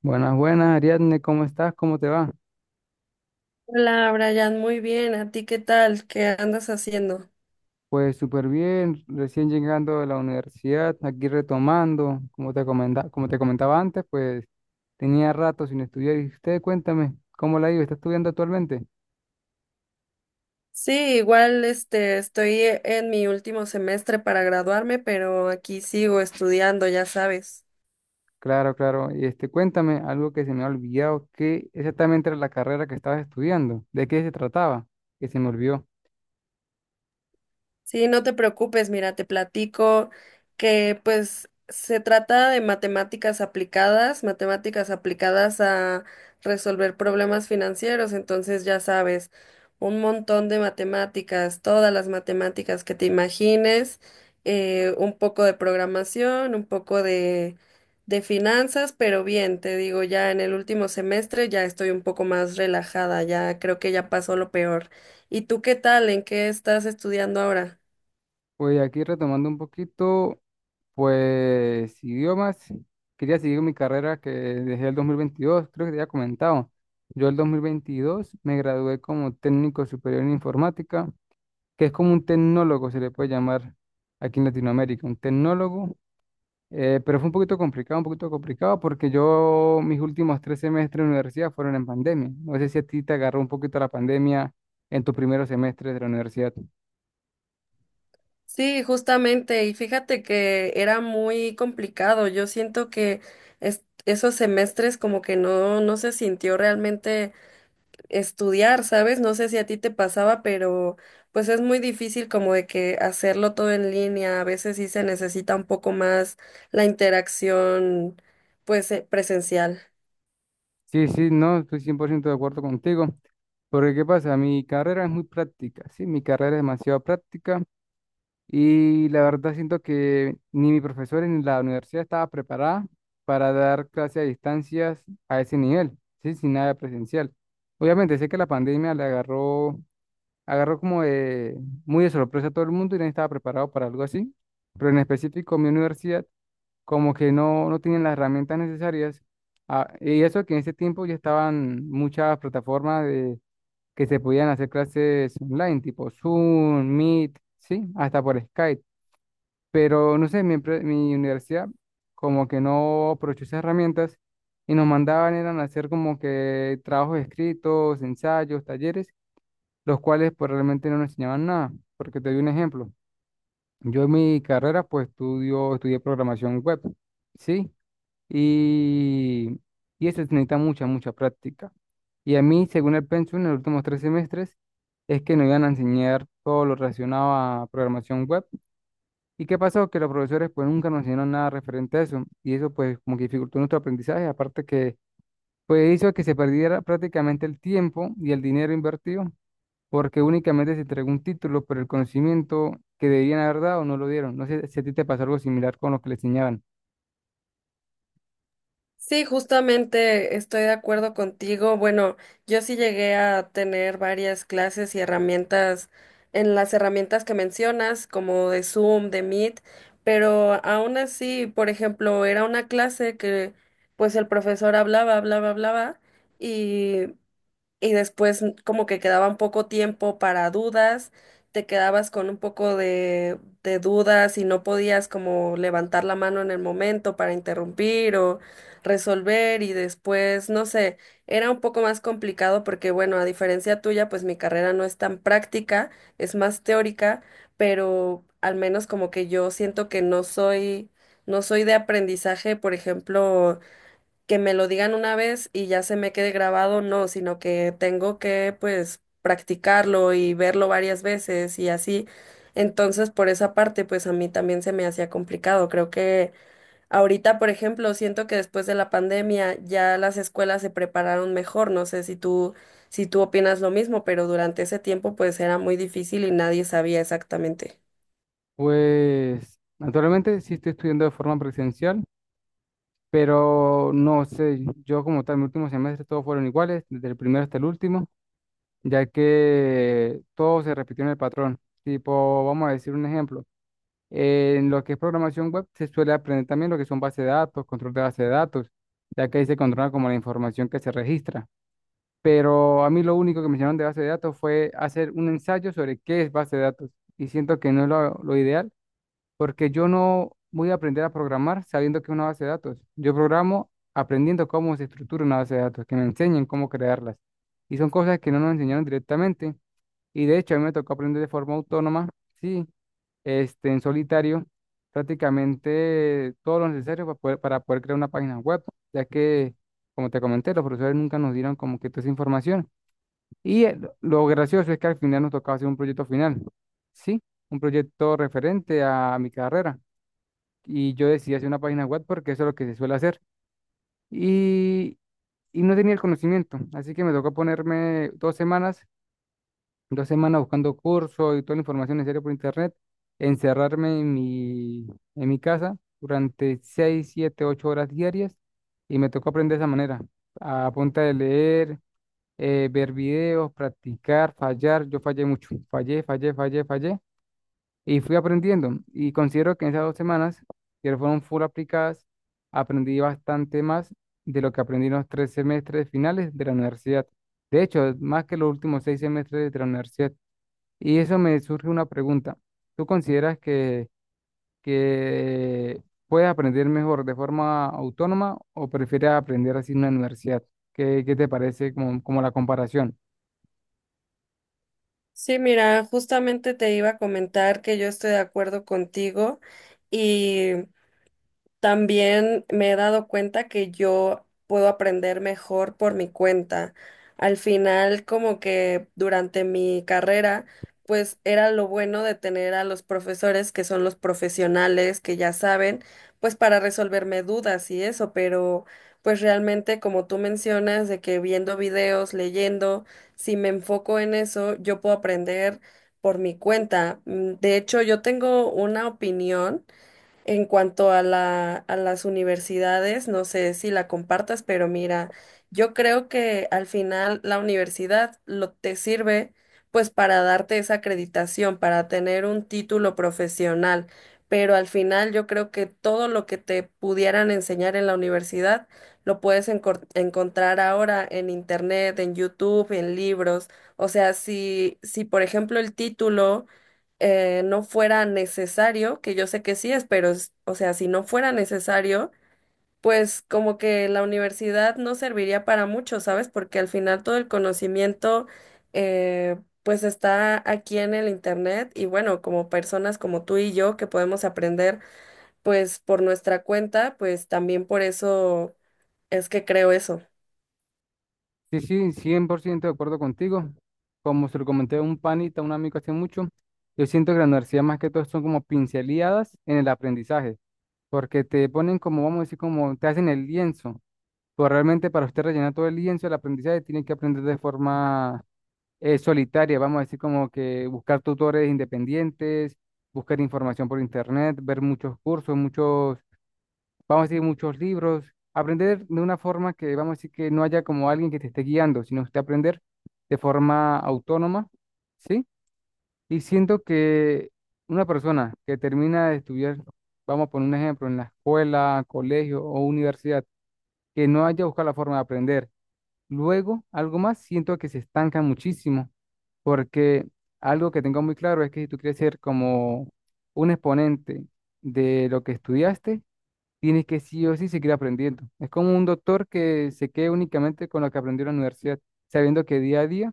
Buenas, buenas, Ariadne, ¿cómo estás? ¿Cómo te va? Hola, Brian, muy bien. ¿A ti qué tal? ¿Qué andas haciendo? Pues súper bien, recién llegando de la universidad, aquí retomando, como te comentaba antes, pues tenía rato sin estudiar y usted cuéntame, ¿cómo la ha ido? ¿Está estudiando actualmente? Sí, igual este estoy en mi último semestre para graduarme, pero aquí sigo estudiando, ya sabes. Claro, claro, y cuéntame algo que se me ha olvidado, ¿qué exactamente era la carrera que estabas estudiando? ¿De qué se trataba? Que se me olvidó. Sí, no te preocupes, mira, te platico que pues se trata de matemáticas aplicadas a resolver problemas financieros, entonces ya sabes, un montón de matemáticas, todas las matemáticas que te imagines, un poco de programación, de finanzas, pero bien, te digo, ya en el último semestre ya estoy un poco más relajada, ya creo que ya pasó lo peor. ¿Y tú qué tal? ¿En qué estás estudiando ahora? Pues aquí retomando un poquito, pues idiomas, quería seguir mi carrera que dejé el 2022, creo que te había comentado. Yo el 2022 me gradué como técnico superior en informática, que es como un tecnólogo, se le puede llamar aquí en Latinoamérica, un tecnólogo, pero fue un poquito complicado porque yo mis últimos 3 semestres de universidad fueron en pandemia. No sé si a ti te agarró un poquito la pandemia en tus primeros semestres de la universidad. Sí, justamente, y fíjate que era muy complicado. Yo siento que esos semestres como que no, no se sintió realmente estudiar, ¿sabes? No sé si a ti te pasaba, pero pues es muy difícil como de que hacerlo todo en línea. A veces sí se necesita un poco más la interacción, pues, presencial. Sí, sí, no, estoy 100% de acuerdo contigo. Porque, ¿qué pasa? Mi carrera es muy práctica, sí, mi carrera es demasiado práctica y la verdad siento que ni mis profesores ni la universidad estaba preparada para dar clases a distancias a ese nivel, sí, sin nada presencial. Obviamente sé que la pandemia le agarró, agarró como de- muy de sorpresa a todo el mundo y nadie estaba preparado para algo así, pero en específico mi universidad como que no, no tienen las herramientas necesarias. Ah, y eso que en ese tiempo ya estaban muchas plataformas de, que se podían hacer clases online, tipo Zoom, Meet, sí, hasta por Skype. Pero no sé, mi universidad como que no aprovechó esas herramientas y nos mandaban eran a hacer como que trabajos escritos, ensayos, talleres, los cuales pues realmente no nos enseñaban nada. Porque te doy un ejemplo. Yo en mi carrera pues estudio, estudié programación web, ¿sí? Y, y eso necesita mucha, mucha práctica. Y a mí, según el pensum, en los últimos 3 semestres, es que nos iban a enseñar todo lo relacionado a programación web. ¿Y qué pasó? Que los profesores pues nunca nos enseñaron nada referente a eso y eso pues como que dificultó nuestro aprendizaje, aparte que pues hizo que se perdiera prácticamente el tiempo y el dinero invertido porque únicamente se entregó un título, pero el conocimiento que debían haber dado no lo dieron. No sé si a ti te pasó algo similar con lo que le enseñaban. Sí, justamente estoy de acuerdo contigo. Bueno, yo sí llegué a tener varias clases y herramientas en las herramientas que mencionas, como de Zoom, de Meet, pero aún así, por ejemplo, era una clase que pues el profesor hablaba y después como que quedaba un poco tiempo para dudas, te quedabas con un poco de dudas y no podías como levantar la mano en el momento para interrumpir o resolver y después, no sé, era un poco más complicado porque bueno, a diferencia tuya, pues mi carrera no es tan práctica, es más teórica, pero al menos como que yo siento que no soy de aprendizaje, por ejemplo, que me lo digan una vez y ya se me quede grabado, no, sino que tengo que pues practicarlo y verlo varias veces y así. Entonces, por esa parte, pues a mí también se me hacía complicado. Creo que ahorita, por ejemplo, siento que después de la pandemia ya las escuelas se prepararon mejor. No sé si tú, si tú opinas lo mismo, pero durante ese tiempo pues era muy difícil y nadie sabía exactamente. Pues naturalmente sí estoy estudiando de forma presencial, pero no sé, yo como tal, mi último semestre todos fueron iguales, desde el primero hasta el último, ya que todo se repitió en el patrón. Tipo, vamos a decir un ejemplo, en lo que es programación web se suele aprender también lo que son bases de datos, control de base de datos, ya que ahí se controla como la información que se registra. Pero a mí lo único que me enseñaron de base de datos fue hacer un ensayo sobre qué es base de datos y siento que no es lo ideal porque yo no voy a aprender a programar sabiendo que es una base de datos. Yo programo aprendiendo cómo se estructura una base de datos, que me enseñen cómo crearlas. Y son cosas que no nos enseñaron directamente. Y de hecho, a mí me tocó aprender de forma autónoma, sí, en solitario, prácticamente todo lo necesario para poder crear una página web, ya que, como te comenté, los profesores nunca nos dieron como que toda esa información. Y lo gracioso es que al final nos tocaba hacer un proyecto final, sí, un proyecto referente a mi carrera y yo decidí hacer una página web porque eso es lo que se suele hacer. Y, y no tenía el conocimiento, así que me tocó ponerme 2 semanas, 2 semanas buscando cursos y toda la información necesaria por internet, encerrarme en mi casa durante 6, 7, 8 horas diarias y me tocó aprender de esa manera, a punta de leer, ver videos, practicar, fallar. Yo fallé mucho, fallé, fallé, fallé, fallé y fui aprendiendo. Y considero que en esas 2 semanas, que fueron full aplicadas, aprendí bastante más de lo que aprendí en los 3 semestres finales de la universidad. De hecho, más que los últimos 6 semestres de la universidad. Y eso me surge una pregunta. ¿Tú consideras que, que puedes aprender mejor de forma autónoma o prefieres aprender así en una universidad? ¿Qué te parece como la comparación? Sí, mira, justamente te iba a comentar que yo estoy de acuerdo contigo y también me he dado cuenta que yo puedo aprender mejor por mi cuenta. Al final, como que durante mi carrera, pues era lo bueno de tener a los profesores que son los profesionales que ya saben, pues para resolverme dudas y eso, pero pues realmente como tú mencionas, de que viendo videos, leyendo, si me enfoco en eso, yo puedo aprender por mi cuenta. Mm. De hecho, yo tengo una opinión en cuanto a a las universidades, no sé si la compartas, pero mira, yo creo que al final la universidad lo te sirve pues para darte esa acreditación, para tener un título profesional, pero al final yo creo que todo lo que te pudieran enseñar en la universidad lo puedes encontrar ahora en internet, en YouTube, en libros. O sea, si por ejemplo el título no fuera necesario, que yo sé que sí es, pero, o sea, si no fuera necesario, pues como que la universidad no serviría para mucho, ¿sabes? Porque al final todo el conocimiento, eh, pues está aquí en el internet y bueno, como personas como tú y yo que podemos aprender, pues por nuestra cuenta, pues también por eso es que creo eso. Sí, sí, 100% de acuerdo contigo. Como se lo comenté a un panita, a un amigo hace mucho, yo siento que la universidad más que todo son como pinceladas en el aprendizaje, porque te ponen como, vamos a decir, como te hacen el lienzo, pero realmente para usted rellenar todo el lienzo del aprendizaje tiene que aprender de forma solitaria, vamos a decir, como que buscar tutores independientes, buscar información por internet, ver muchos cursos, muchos vamos a decir, muchos libros, aprender de una forma que, vamos a decir, que no haya como alguien que te esté guiando, sino usted aprender de forma autónoma, ¿sí? Y siento que una persona que termina de estudiar, vamos a poner un ejemplo, en la escuela, colegio o universidad, que no haya buscado la forma de aprender, luego algo más, siento que se estanca muchísimo, porque algo que tengo muy claro es que si tú quieres ser como un exponente de lo que estudiaste, tienes que sí o sí seguir aprendiendo. Es como un doctor que se quede únicamente con lo que aprendió en la universidad, sabiendo que día a día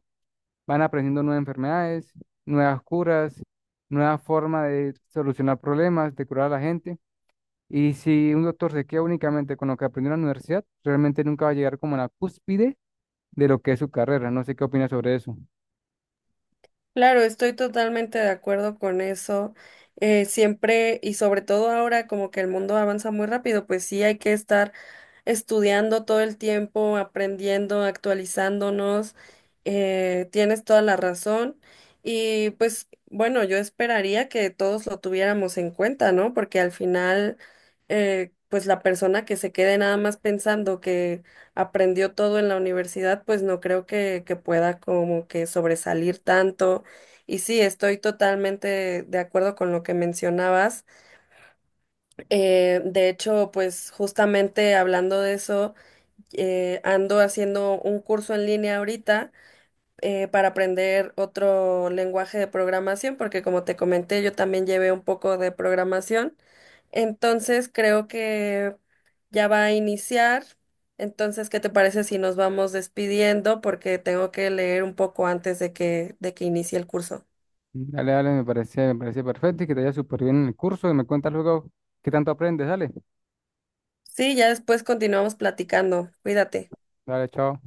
van aprendiendo nuevas enfermedades, nuevas curas, nuevas formas de solucionar problemas, de curar a la gente. Y si un doctor se queda únicamente con lo que aprendió en la universidad, realmente nunca va a llegar como a la cúspide de lo que es su carrera. No sé qué opinas sobre eso. Claro, estoy totalmente de acuerdo con eso. Siempre y sobre todo ahora como que el mundo avanza muy rápido, pues sí hay que estar estudiando todo el tiempo, aprendiendo, actualizándonos. Tienes toda la razón. Y pues bueno, yo esperaría que todos lo tuviéramos en cuenta, ¿no? Porque al final, pues la persona que se quede nada más pensando que aprendió todo en la universidad, pues no creo que pueda como que sobresalir tanto. Y sí, estoy totalmente de acuerdo con lo que mencionabas. De hecho, pues justamente hablando de eso, ando haciendo un curso en línea ahorita para aprender otro lenguaje de programación, porque como te comenté, yo también llevé un poco de programación. Entonces creo que ya va a iniciar. Entonces, ¿qué te parece si nos vamos despidiendo? Porque tengo que leer un poco antes de de que inicie el curso. Dale, dale, me parece perfecto y que te vaya súper bien en el curso y me cuentas luego qué tanto aprendes. Dale, Sí, ya después continuamos platicando. Cuídate. dale, chao.